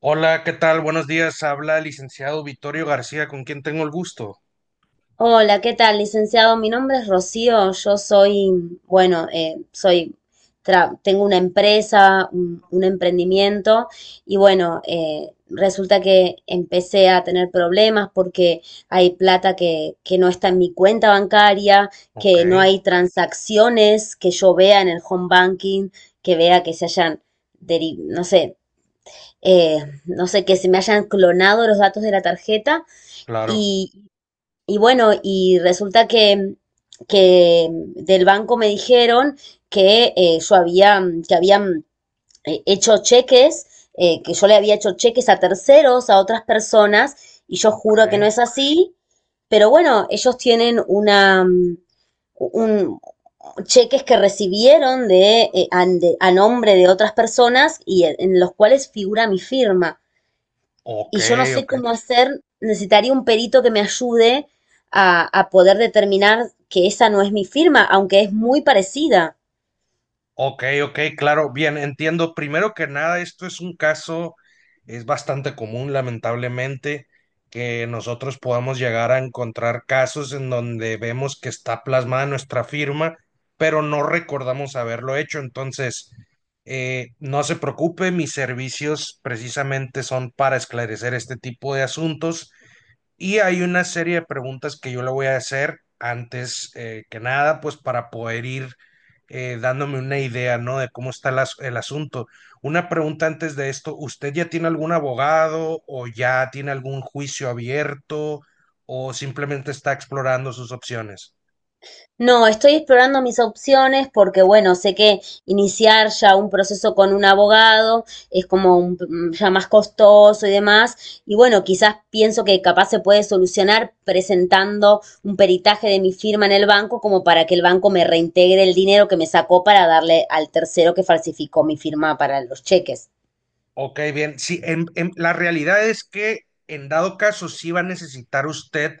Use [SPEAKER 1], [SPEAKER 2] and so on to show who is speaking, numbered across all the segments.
[SPEAKER 1] Hola, ¿qué tal? Buenos días. Habla el licenciado Vittorio García, con quien tengo el gusto.
[SPEAKER 2] Hola, ¿qué tal, licenciado? Mi nombre es Rocío, yo soy, bueno, soy, tengo una empresa, un emprendimiento y bueno, resulta que empecé a tener problemas porque hay plata que no está en mi cuenta bancaria,
[SPEAKER 1] Ok,
[SPEAKER 2] que no hay transacciones que yo vea en el home banking, que vea que se hayan, no sé, eh, no sé, que se me hayan clonado los datos de la tarjeta.
[SPEAKER 1] claro,
[SPEAKER 2] Y bueno, y resulta que del banco me dijeron que yo había, que habían hecho cheques, que yo le había hecho cheques a terceros, a otras personas, y yo juro que no
[SPEAKER 1] ok,
[SPEAKER 2] es así, pero bueno, ellos tienen una, un, cheques que recibieron de, a nombre de otras personas y en los cuales figura mi firma
[SPEAKER 1] ok,
[SPEAKER 2] y yo no sé
[SPEAKER 1] ok.
[SPEAKER 2] cómo hacer, necesitaría un perito que me ayude a poder determinar que esa no es mi firma, aunque es muy parecida.
[SPEAKER 1] Ok, ok, claro, bien, entiendo. Primero que nada, esto es un caso, es bastante común, lamentablemente, que nosotros podamos llegar a encontrar casos en donde vemos que está plasmada nuestra firma, pero no recordamos haberlo hecho. Entonces, no se preocupe, mis servicios precisamente son para esclarecer este tipo de asuntos y hay una serie de preguntas que yo le voy a hacer antes que nada, pues para poder ir dándome una idea, ¿no? De cómo está el asunto. Una pregunta antes de esto, ¿usted ya tiene algún abogado o ya tiene algún juicio abierto o simplemente está explorando sus opciones?
[SPEAKER 2] No, estoy explorando mis opciones porque, bueno, sé que iniciar ya un proceso con un abogado es como ya más costoso y demás. Y bueno, quizás pienso que capaz se puede solucionar presentando un peritaje de mi firma en el banco como para que el banco me reintegre el dinero que me sacó para darle al tercero que falsificó mi firma para los cheques.
[SPEAKER 1] Ok, bien. Sí, la realidad es que en dado caso sí va a necesitar usted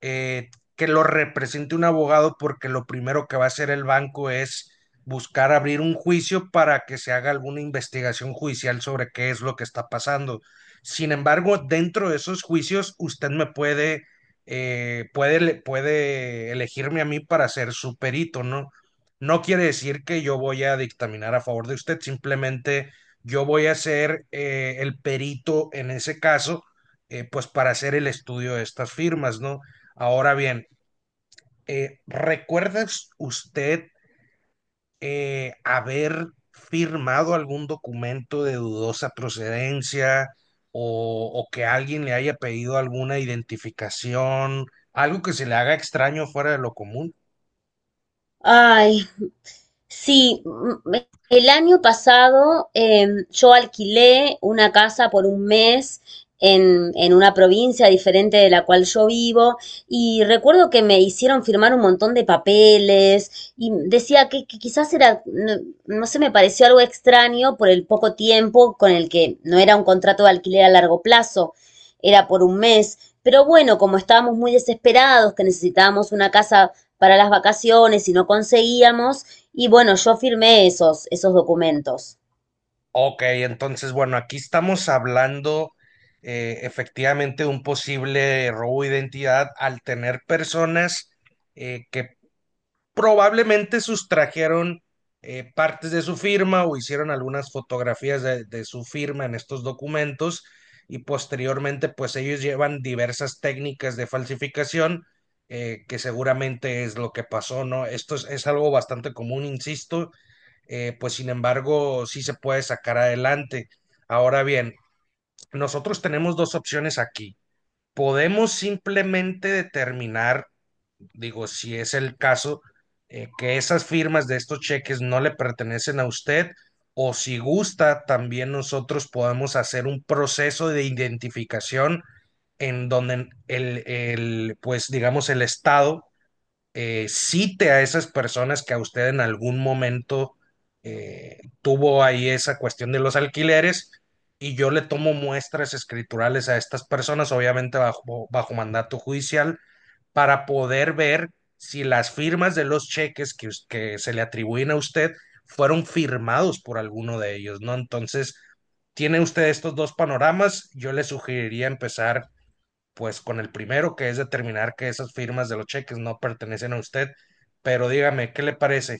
[SPEAKER 1] eh, que lo represente un abogado porque lo primero que va a hacer el banco es buscar abrir un juicio para que se haga alguna investigación judicial sobre qué es lo que está pasando. Sin embargo, dentro de esos juicios, usted me puede, puede elegirme a mí para ser su perito, ¿no? No quiere decir que yo voy a dictaminar a favor de usted, simplemente yo voy a ser el perito en ese caso, pues para hacer el estudio de estas firmas, ¿no? Ahora bien, ¿recuerdas usted haber firmado algún documento de dudosa procedencia o que alguien le haya pedido alguna identificación, algo que se le haga extraño fuera de lo común?
[SPEAKER 2] Ay Sí, mm, el año pasado yo alquilé una casa por un mes en una provincia diferente de la cual yo vivo y recuerdo que me hicieron firmar un montón de papeles y decía que quizás era, no, no sé, me pareció algo extraño por el poco tiempo con el que no era un contrato de alquiler a largo plazo, era por un mes. Pero bueno, como estábamos muy desesperados, que necesitábamos una casa para las vacaciones y no conseguíamos, y bueno, yo firmé esos documentos.
[SPEAKER 1] Ok, entonces, bueno, aquí estamos hablando efectivamente de un posible robo de identidad al tener personas que probablemente sustrajeron partes de su firma o hicieron algunas fotografías de su firma en estos documentos y posteriormente pues ellos llevan diversas técnicas de falsificación que seguramente es lo que pasó, ¿no? Esto es algo bastante común, insisto, pues sin embargo sí se puede sacar adelante. Ahora bien, nosotros tenemos dos opciones aquí. Podemos simplemente determinar digo, si es el caso, que esas firmas de estos cheques no le pertenecen a usted o si gusta, también nosotros podemos hacer un proceso de identificación en donde el, pues digamos, el Estado cite a esas personas que a usted en algún momento tuvo ahí esa cuestión de los alquileres y yo le tomo muestras escriturales a estas personas, obviamente bajo mandato judicial, para poder ver si las firmas de los cheques que se le atribuyen a usted fueron firmados por alguno de ellos, ¿no? Entonces, tiene usted estos dos panoramas, yo le sugeriría empezar pues con el primero, que es determinar que esas firmas de los cheques no pertenecen a usted, pero dígame, ¿qué le parece?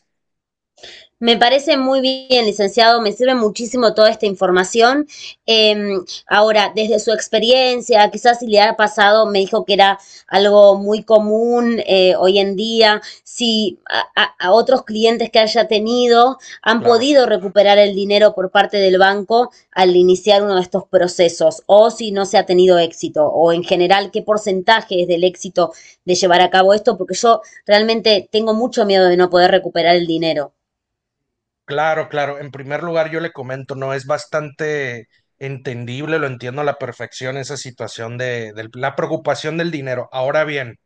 [SPEAKER 2] Me parece muy bien, licenciado, me sirve muchísimo toda esta información. Eh, Ahora, desde su experiencia, quizás si le ha pasado, me dijo que era algo muy común hoy en día, si otros clientes que haya tenido han
[SPEAKER 1] Claro,
[SPEAKER 2] podido recuperar el dinero por parte del banco al iniciar uno de estos procesos, o si no se ha tenido éxito, o en general, qué porcentaje es del éxito de llevar a cabo esto, porque yo realmente tengo mucho miedo de no poder recuperar el dinero.
[SPEAKER 1] claro, claro. En primer lugar, yo le comento, no es bastante entendible, lo entiendo a la perfección esa situación de la preocupación del dinero. Ahora bien,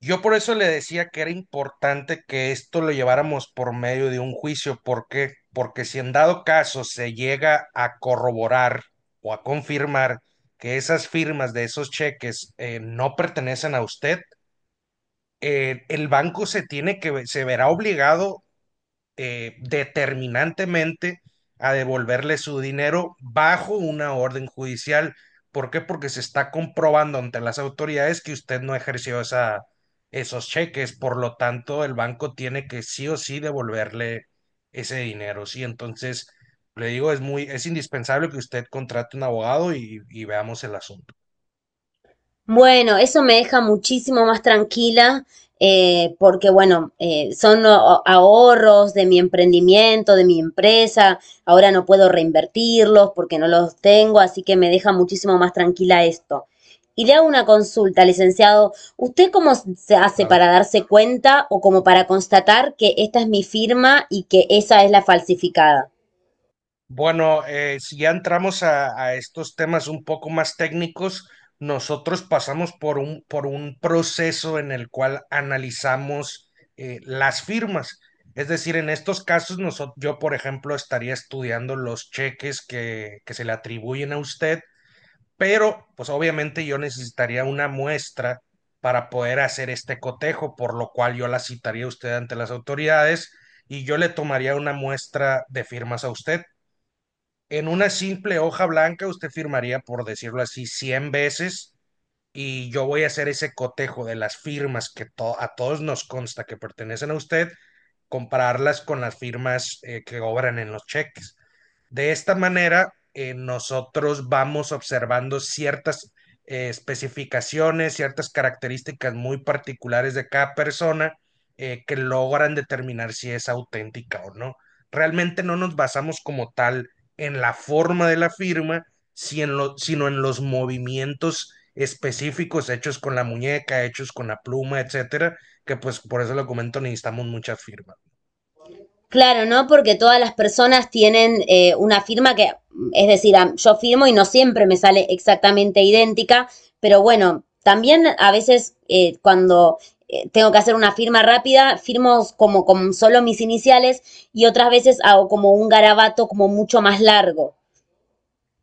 [SPEAKER 1] yo por eso le decía que era importante que esto lo lleváramos por medio de un juicio. ¿Por qué? Porque si en dado caso se llega a corroborar o a confirmar que esas firmas de esos cheques no pertenecen a usted, el banco se tiene que, se verá obligado determinantemente a devolverle su dinero bajo una orden judicial. ¿Por qué? Porque se está comprobando ante las autoridades que usted no ejerció esa, esos cheques, por lo tanto el banco tiene que sí o sí devolverle ese dinero, ¿sí? Entonces, le digo, es muy, es indispensable que usted contrate un abogado y veamos el asunto.
[SPEAKER 2] Bueno, eso me deja muchísimo más tranquila porque, bueno, son a- ahorros de mi emprendimiento, de mi empresa. Ahora no puedo reinvertirlos porque no los tengo, así que me deja muchísimo más tranquila esto. Y le hago una consulta, licenciado. ¿Usted cómo se hace
[SPEAKER 1] Claro.
[SPEAKER 2] para darse cuenta o como para constatar que esta es mi firma y que esa es la falsificada?
[SPEAKER 1] Bueno, si ya entramos a estos temas un poco más técnicos, nosotros pasamos por por un proceso en el cual analizamos las firmas. Es decir, en estos casos, yo, por ejemplo, estaría estudiando los cheques que se le atribuyen a usted, pero pues obviamente yo necesitaría una muestra para poder hacer este cotejo, por lo cual yo la citaría a usted ante las autoridades y yo le tomaría una muestra de firmas a usted en una simple hoja blanca usted firmaría, por decirlo así, 100 veces y yo voy a hacer ese cotejo de las firmas a todos nos consta que pertenecen a usted, compararlas con las firmas que obran en los cheques. De esta manera, nosotros vamos observando ciertas especificaciones, ciertas características muy particulares de cada persona que logran determinar si es auténtica o no. Realmente no nos basamos como tal en la forma de la firma, si sino en los movimientos específicos hechos con la muñeca, hechos con la pluma, etcétera, que pues por eso lo comento, necesitamos muchas firmas.
[SPEAKER 2] Claro, ¿no? Porque todas las personas tienen una firma es decir, yo firmo y no siempre me sale exactamente idéntica, pero bueno, también a veces cuando tengo que hacer una firma rápida, firmo como con solo mis iniciales y otras veces hago como un garabato como mucho más largo.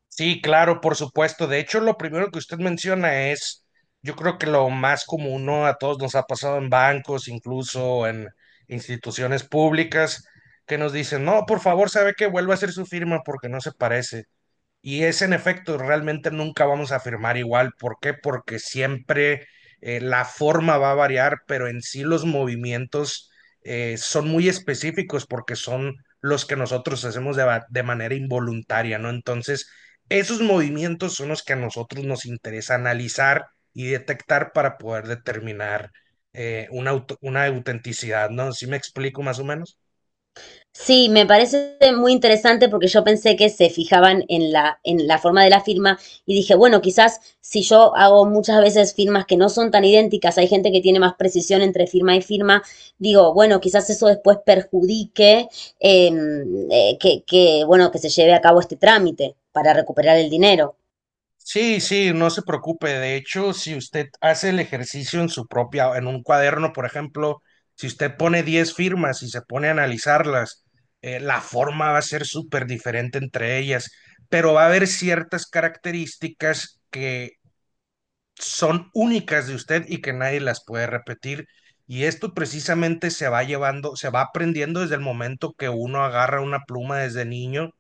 [SPEAKER 1] Sí, claro, por supuesto. De hecho, lo primero que usted menciona es, yo creo que lo más común, ¿no? A todos nos ha pasado en bancos, incluso en instituciones públicas, que nos dicen, no, por favor, sabe que vuelva a hacer su firma porque no se parece. Y es en efecto, realmente nunca vamos a firmar igual. ¿Por qué? Porque siempre la forma va a variar, pero en sí los movimientos son muy específicos porque son los que nosotros hacemos de manera involuntaria, ¿no? Entonces, esos movimientos son los que a nosotros nos interesa analizar y detectar para poder determinar una autenticidad, ¿no? ¿Sí me explico más o menos?
[SPEAKER 2] Sí, me parece muy interesante porque yo pensé que se fijaban en en la forma de la firma y dije, bueno, quizás si yo hago muchas veces firmas que no son tan idénticas, hay gente que tiene más precisión entre firma y firma, digo, bueno, quizás eso después perjudique eh, que, bueno, que se lleve a cabo este trámite para recuperar el dinero.
[SPEAKER 1] Sí, sí, no se preocupe. De hecho, si usted hace el ejercicio en su propia, en un cuaderno, por ejemplo, si usted pone 10 firmas y se pone a analizarlas, la forma va a ser súper diferente entre ellas, pero va a haber ciertas características que son únicas de usted y que nadie las puede repetir. Y esto precisamente se va llevando, se va aprendiendo desde el momento que uno agarra una pluma desde niño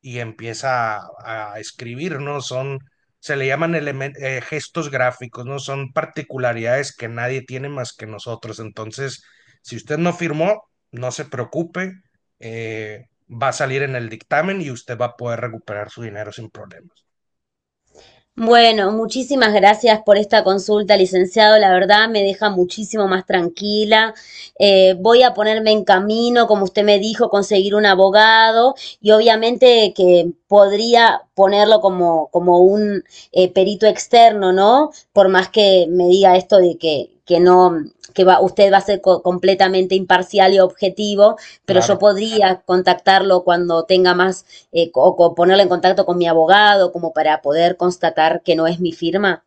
[SPEAKER 1] y empieza a escribir, ¿no? Son, se le llaman gestos gráficos, ¿no? Son particularidades que nadie tiene más que nosotros. Entonces, si usted no firmó, no se preocupe, va a salir en el dictamen y usted va a poder recuperar su dinero sin problemas.
[SPEAKER 2] Bueno, muchísimas gracias por esta consulta, licenciado. La verdad me deja muchísimo más tranquila. Voy a ponerme en camino, como usted me dijo, conseguir un abogado y obviamente que podría ponerlo como un perito externo, ¿no? Por más que me diga esto de que no, que va, usted va a ser completamente imparcial y objetivo, pero yo
[SPEAKER 1] Claro.
[SPEAKER 2] podría contactarlo cuando tenga más o ponerla en contacto con mi abogado como para poder constatar que no es mi firma?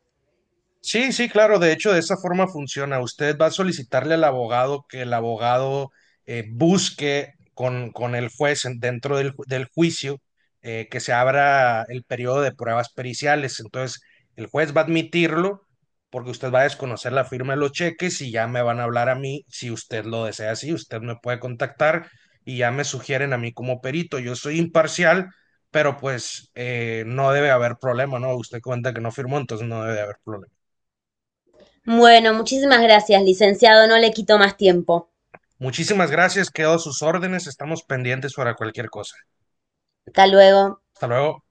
[SPEAKER 1] Sí, sí, claro. De hecho, de esa forma funciona. Usted va a solicitarle al abogado que el abogado busque con el juez dentro del, del juicio que se abra el periodo de pruebas periciales. Entonces, el juez va a admitirlo porque usted va a desconocer la firma de los cheques y ya me van a hablar a mí si usted lo desea así. Usted me puede contactar y ya me sugieren a mí como perito. Yo soy imparcial. Pero pues no debe haber problema, ¿no? Usted cuenta que no firmó, entonces no debe haber problema.
[SPEAKER 2] Bueno, muchísimas gracias, licenciado. No le quito más tiempo.
[SPEAKER 1] Muchísimas gracias, quedo a sus órdenes, estamos pendientes para cualquier cosa.
[SPEAKER 2] Hasta luego.
[SPEAKER 1] Hasta luego.